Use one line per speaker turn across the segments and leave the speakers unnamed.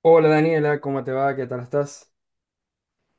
Hola Daniela, ¿cómo te va? ¿Qué tal estás?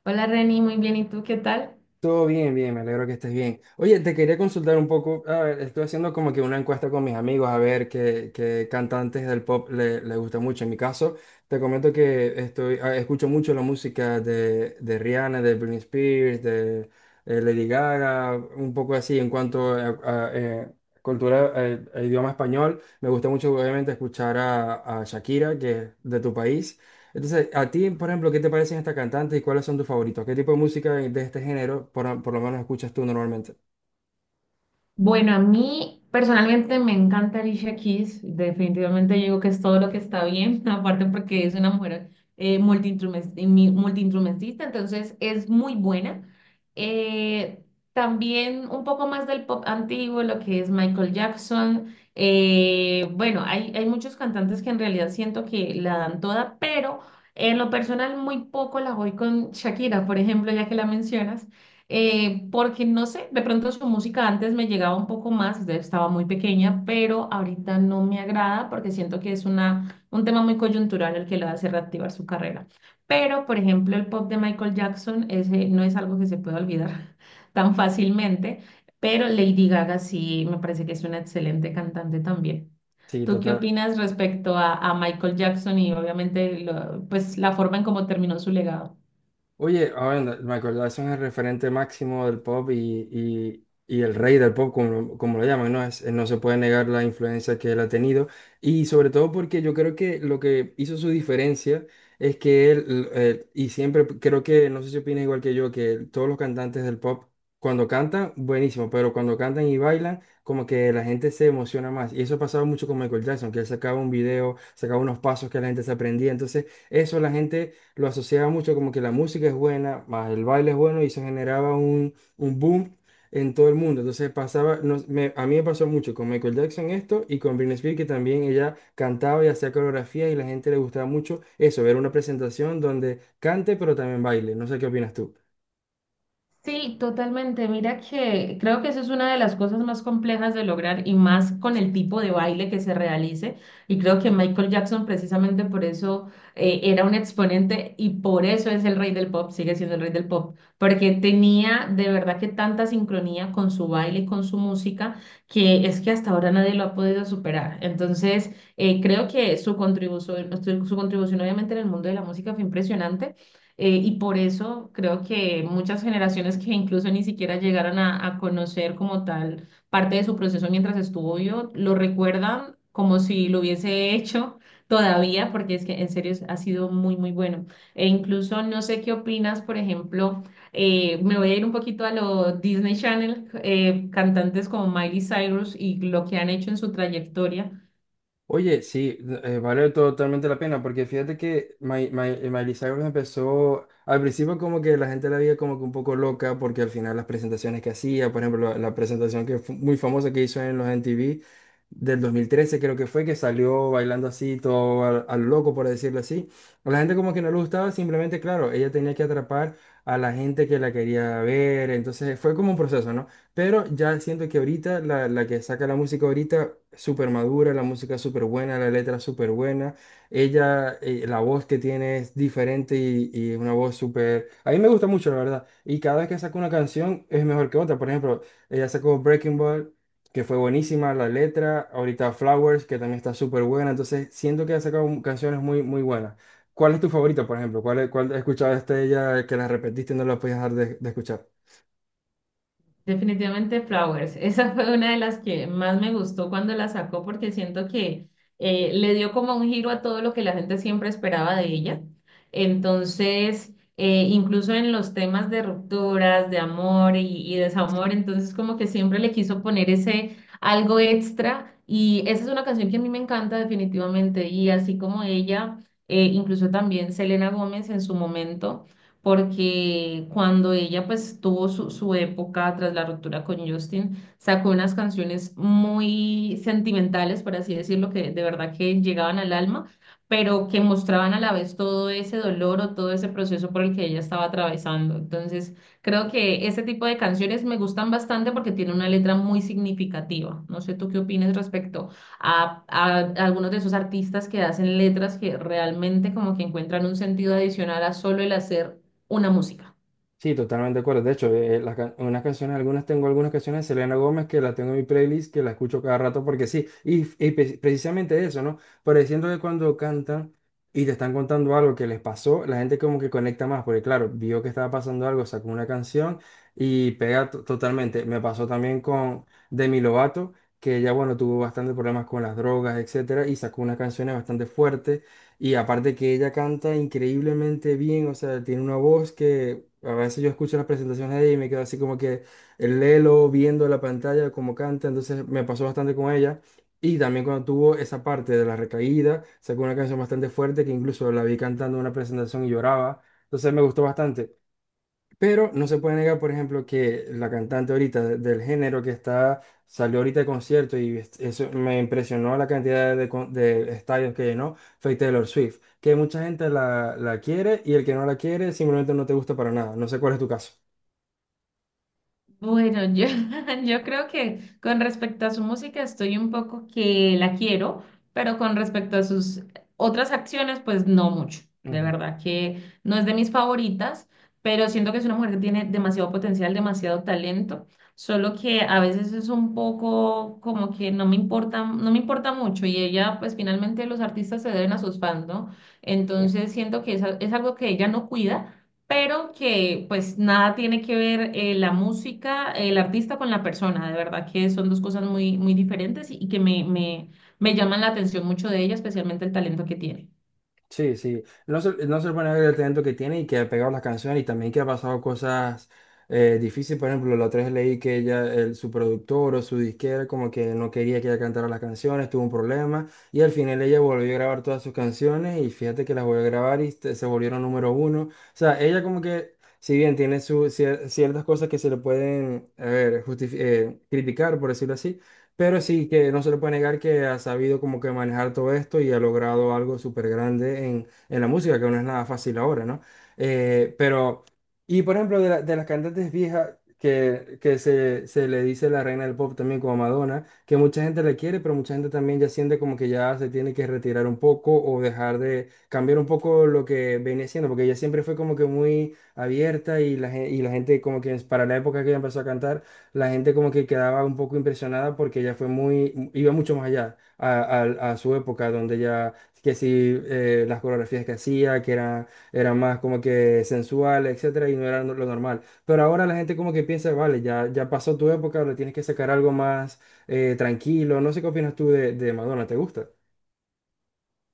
Hola Reni, muy bien. ¿Y tú qué tal?
Todo bien, me alegro que estés bien. Oye, te quería consultar un poco, a ver, estoy haciendo como que una encuesta con mis amigos a ver qué cantantes del pop le gusta mucho. En mi caso, te comento que estoy, escucho mucho la música de Rihanna, de Britney Spears, de Lady Gaga, un poco así en cuanto a cultura, a idioma español. Me gusta mucho obviamente escuchar a Shakira, que es de tu país. Entonces, a ti, por ejemplo, ¿qué te parecen estas cantantes y cuáles son tus favoritos? ¿Qué tipo de música de este género, por lo menos, escuchas tú normalmente?
Bueno, a mí personalmente me encanta Alicia Keys. Definitivamente yo digo que es todo lo que está bien, aparte porque es una mujer multiinstrumen- multiinstrumentista, entonces es muy buena. Eh, También un poco más del pop antiguo, lo que es Michael Jackson. Bueno, hay muchos cantantes que en realidad siento que la dan toda, pero en lo personal muy poco la voy con Shakira, por ejemplo, ya que la mencionas. Porque no sé, de pronto su música antes me llegaba un poco más, de- estaba muy pequeña, pero ahorita no me agrada porque siento que es un tema muy coyuntural el que le hace reactivar su carrera. Pero, por ejemplo, el pop de Michael Jackson ese no es algo que se pueda olvidar tan fácilmente, pero Lady Gaga sí me parece que es una excelente cantante también.
Sí,
¿Tú qué
total.
opinas respecto a Michael Jackson y obviamente lo- pues la forma en cómo terminó su legado?
Oye, ahora me acordaba, son el referente máximo del pop y, y el rey del pop, como lo llaman, ¿no? Es, no se puede negar la influencia que él ha tenido. Y sobre todo porque yo creo que lo que hizo su diferencia es que y siempre creo que, no sé si opinas igual que yo, que todos los cantantes del pop, cuando cantan, buenísimo, pero cuando cantan y bailan, como que la gente se emociona más. Y eso pasaba mucho con Michael Jackson, que él sacaba un video, sacaba unos pasos que la gente se aprendía. Entonces, eso la gente lo asociaba mucho como que la música es buena, más el baile es bueno y se generaba un boom en todo el mundo. Entonces pasaba, a mí me pasó mucho con Michael Jackson esto y con Britney Spears que también ella cantaba y hacía coreografía y la gente le gustaba mucho eso, ver una presentación donde cante pero también baile. No sé qué opinas tú.
Sí, totalmente. Mira que creo que eso es una de las cosas más complejas de lograr y más con el tipo de baile que se realice. Y creo que Michael Jackson precisamente por eso era un exponente y por eso es el rey del pop, sigue siendo el rey del pop, porque tenía de verdad que tanta sincronía con su baile y con su música que es que hasta ahora nadie lo ha podido superar. Entonces, creo que su contribución obviamente en el mundo de la música fue impresionante, y por eso creo que muchas generaciones que incluso ni siquiera llegaron a conocer como tal parte de su proceso mientras estuvo vivo, lo recuerdan como si lo hubiese hecho todavía, porque es que en serio es- ha sido muy, muy bueno. E incluso no sé qué opinas, por ejemplo, me voy a ir un poquito a lo Disney Channel, cantantes como Miley Cyrus y lo que han hecho en su trayectoria.
Oye, sí, vale totalmente la pena, porque fíjate que Miley Cyrus empezó, al principio como que la gente la veía como que un poco loca, porque al final las presentaciones que hacía, por ejemplo, la presentación que fue muy famosa que hizo en los MTV del 2013 creo que fue, que salió bailando así, todo al loco, por decirlo así. A la gente como que no le gustaba, simplemente, claro, ella tenía que atrapar a la gente que la quería ver, entonces fue como un proceso, ¿no? Pero ya siento que ahorita la que saca la música ahorita, súper madura, la música súper buena, la letra súper buena. Ella, la voz que tiene es diferente y es una voz súper. A mí me gusta mucho, la verdad. Y cada vez que saca una canción es mejor que otra. Por ejemplo, ella sacó Breaking Ball, que fue buenísima la letra. Ahorita Flowers, que también está súper buena. Entonces siento que ha sacado canciones muy buenas. ¿Cuál es tu favorita, por ejemplo? ¿ cuál escuchaste de ella que la repetiste y no la podías dejar de escuchar?
Definitivamente Flowers. Esa fue una de las que más me gustó cuando la sacó porque siento que le dio como un giro a todo lo que la gente siempre esperaba de ella. Entonces, incluso en los temas de rupturas, de amor y desamor, entonces como que siempre le quiso poner ese algo extra. Y esa es una canción que a mí me encanta definitivamente. Y así como ella, incluso también Selena Gómez en su momento porque cuando ella pues tuvo su época tras la ruptura con Justin, sacó unas canciones muy sentimentales, por así decirlo, que de verdad que llegaban al alma, pero que mostraban a la vez todo ese dolor o todo ese proceso por el que ella estaba atravesando. Entonces, creo que ese tipo de canciones me gustan bastante porque tiene una letra muy significativa. No sé tú qué opinas respecto a algunos de esos artistas que hacen letras que realmente como que encuentran un sentido adicional a solo el hacer una música.
Sí, totalmente de acuerdo. De hecho, unas canciones, algunas tengo algunas canciones de Selena Gómez que las tengo en mi playlist, que las escucho cada rato porque sí. Y, precisamente eso, ¿no? Pareciendo que cuando cantan y te están contando algo que les pasó, la gente como que conecta más, porque claro, vio que estaba pasando algo, sacó una canción y pega totalmente. Me pasó también con Demi Lovato, que ella, bueno, tuvo bastantes problemas con las drogas, etcétera, y sacó unas canciones bastante fuertes. Y aparte que ella canta increíblemente bien, o sea, tiene una voz que, a veces yo escucho las presentaciones de ella y me quedo así como que el lelo viendo la pantalla, como canta, entonces me pasó bastante con ella. Y también cuando tuvo esa parte de la recaída, sacó una canción bastante fuerte que incluso la vi cantando en una presentación y lloraba. Entonces me gustó bastante. Pero no se puede negar, por ejemplo, que la cantante ahorita del género que está, salió ahorita de concierto y eso me impresionó la cantidad de estadios que llenó, fue Taylor Swift, que mucha gente la quiere y el que no la quiere simplemente no te gusta para nada. No sé cuál es tu caso.
Bueno, yo, yo creo que con respecto a su música estoy un poco que la quiero, pero con respecto a sus otras acciones, pues no mucho. De
Ujú.
verdad que no es de mis favoritas, pero siento que es una mujer que tiene demasiado potencial, demasiado talento, solo que a veces es un poco como que no me importa, no me importa mucho y ella, pues finalmente los artistas se deben a sus fans, ¿no? Entonces siento que es a- es algo que ella no cuida, pero que pues nada tiene que ver, la música, el artista con la persona, de verdad que son dos cosas muy, muy diferentes y que me llaman la atención mucho de ella, especialmente el talento que tiene.
Sí, sí. No se pone a ver el talento que tiene y que ha pegado las canciones y también que ha pasado cosas difíciles. Por ejemplo, la otra vez leí que ella, su productor o su disquera como que no quería que ella cantara las canciones, tuvo un problema y al final ella volvió a grabar todas sus canciones y fíjate que las volvió a grabar y se volvieron número 1. O sea, ella como que, si bien tiene su, ciertas cosas que se le pueden, a ver, criticar, por decirlo así. Pero sí que no se le puede negar que ha sabido como que manejar todo esto y ha logrado algo súper grande en la música, que no es nada fácil ahora, ¿no? Eh, pero, y por ejemplo, de las cantantes viejas que, se le dice la reina del pop también como Madonna, que mucha gente le quiere, pero mucha gente también ya siente como que ya se tiene que retirar un poco o dejar de cambiar un poco lo que venía siendo, porque ella siempre fue como que muy abierta y y la gente como que para la época que ella empezó a cantar la gente como que quedaba un poco impresionada porque ella fue muy, iba mucho más allá a su época, donde ya, que sí, las coreografías que hacía, eran más como que sensuales, etcétera, y no era lo normal. Pero ahora la gente como que piensa, vale, ya, ya pasó tu época, ahora tienes que sacar algo más tranquilo. No sé qué opinas tú de Madonna, ¿te gusta?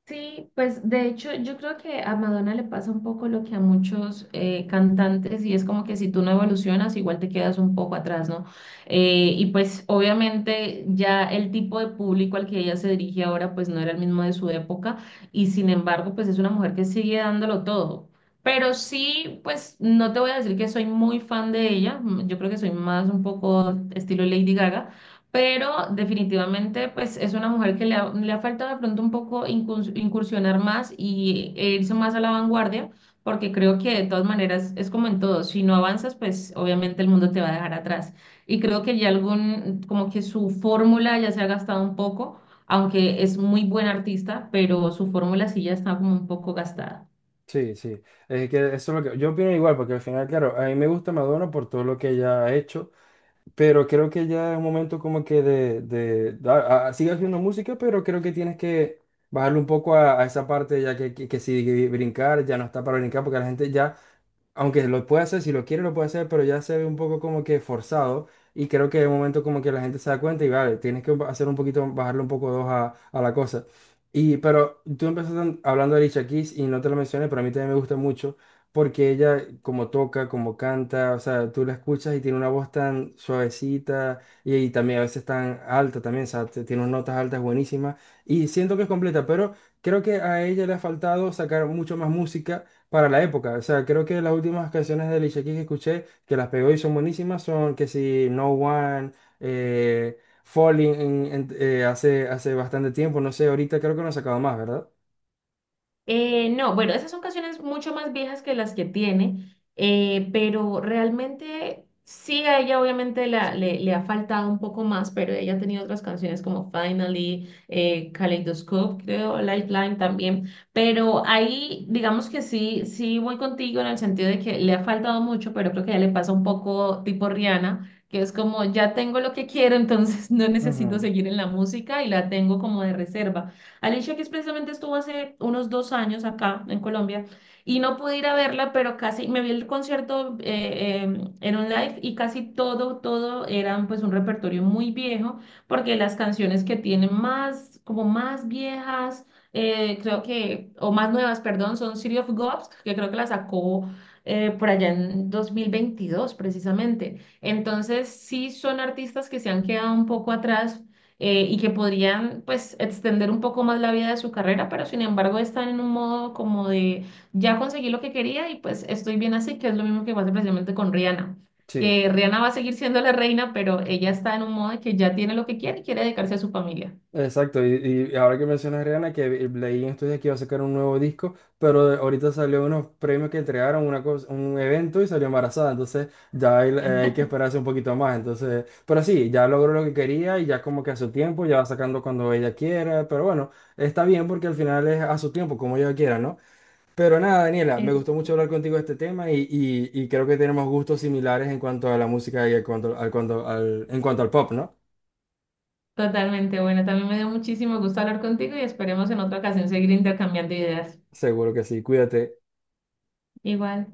Sí, pues de hecho yo creo que a Madonna le pasa un poco lo que a muchos cantantes y es como que si tú no evolucionas igual te quedas un poco atrás, ¿no? Y pues obviamente ya el tipo de público al que ella se dirige ahora pues no era el mismo de su época y sin embargo pues es una mujer que sigue dándolo todo. Pero sí, pues no te voy a decir que soy muy fan de ella, yo creo que soy más un poco estilo Lady Gaga, pero definitivamente pues es una mujer que le ha faltado de pronto un poco incurs- incursionar más e irse más a la vanguardia, porque creo que de todas maneras es como en todo, si no avanzas pues obviamente el mundo te va a dejar atrás. Y creo que ya algún, como que su fórmula ya se ha gastado un poco, aunque es muy buena artista, pero su fórmula sí ya está como un poco gastada.
Sí, sí. Es que eso es lo que yo opino igual, porque al final, claro, a mí me gusta Madonna por todo lo que ella ha hecho. Pero creo que ya es un momento como que sigue haciendo música, pero creo que tienes que bajarle un poco a esa parte, ya que si brincar, ya no está para brincar, porque la gente ya aunque lo puede hacer, si lo quiere lo puede hacer, pero ya se ve un poco como que forzado y creo que de momento como que la gente se da cuenta y vale, tienes que hacer un poquito, bajarle un poco dos a la cosa. Y pero tú empezaste hablando de Alicia Keys y no te lo mencioné, pero a mí también me gusta mucho porque ella como toca, como canta, o sea, tú la escuchas y tiene una voz tan suavecita y también a veces tan alta también, o sea, tiene unas notas altas buenísimas y siento que es completa, pero creo que a ella le ha faltado sacar mucho más música para la época. O sea, creo que las últimas canciones de Alicia Keys que escuché, que las pegó y son buenísimas, son que si No One, eh, Falling, hace bastante tiempo, no sé, ahorita creo que no ha sacado más, ¿verdad?
No, bueno, esas son canciones mucho más viejas que las que tiene, pero realmente sí a ella obviamente la- le ha faltado un poco más, pero ella ha tenido otras canciones como Finally, Kaleidoscope, creo, Lifeline también, pero ahí digamos que sí, sí voy contigo en el sentido de que le ha faltado mucho, pero creo que ya le pasa un poco tipo Rihanna, que es como ya tengo lo que quiero, entonces no necesito
Ujú.
seguir en la música y la tengo como de reserva. Alicia Keys precisamente estuvo hace unos 2 años acá en Colombia y no pude ir a verla, pero casi me vi el concierto en un live y casi todo eran pues un repertorio muy viejo, porque las canciones que tienen más, como más viejas, creo que, o más nuevas, perdón, son City of Gods, que creo que la sacó por allá en 2022 precisamente. Entonces, sí son artistas que se han quedado un poco atrás, y que podrían pues extender un poco más la vida de su carrera, pero sin embargo están en un modo como de ya conseguí lo que quería y pues estoy bien así, que es lo mismo que pasa precisamente con Rihanna,
Sí.
que Rihanna va a seguir siendo la reina, pero ella está en un modo de que ya tiene lo que quiere y quiere dedicarse a su familia.
Exacto, y ahora que mencionas Rihanna, que leí en estos días que iba a sacar un nuevo disco, pero ahorita salió unos premios que entregaron una cosa, un evento y salió embarazada, entonces ya hay, hay que esperarse un poquito más, entonces, pero sí, ya logró lo que quería y ya como que a su tiempo, ya va sacando cuando ella quiera, pero bueno, está bien porque al final es a su tiempo, como ella quiera, ¿no? Pero nada, Daniela, me gustó mucho
Exacto.
hablar contigo de este tema y, y creo que tenemos gustos similares en cuanto a la música y en en cuanto al pop, ¿no?
Totalmente, bueno, también me dio muchísimo gusto hablar contigo y esperemos en otra ocasión seguir intercambiando ideas.
Seguro que sí, cuídate.
Igual.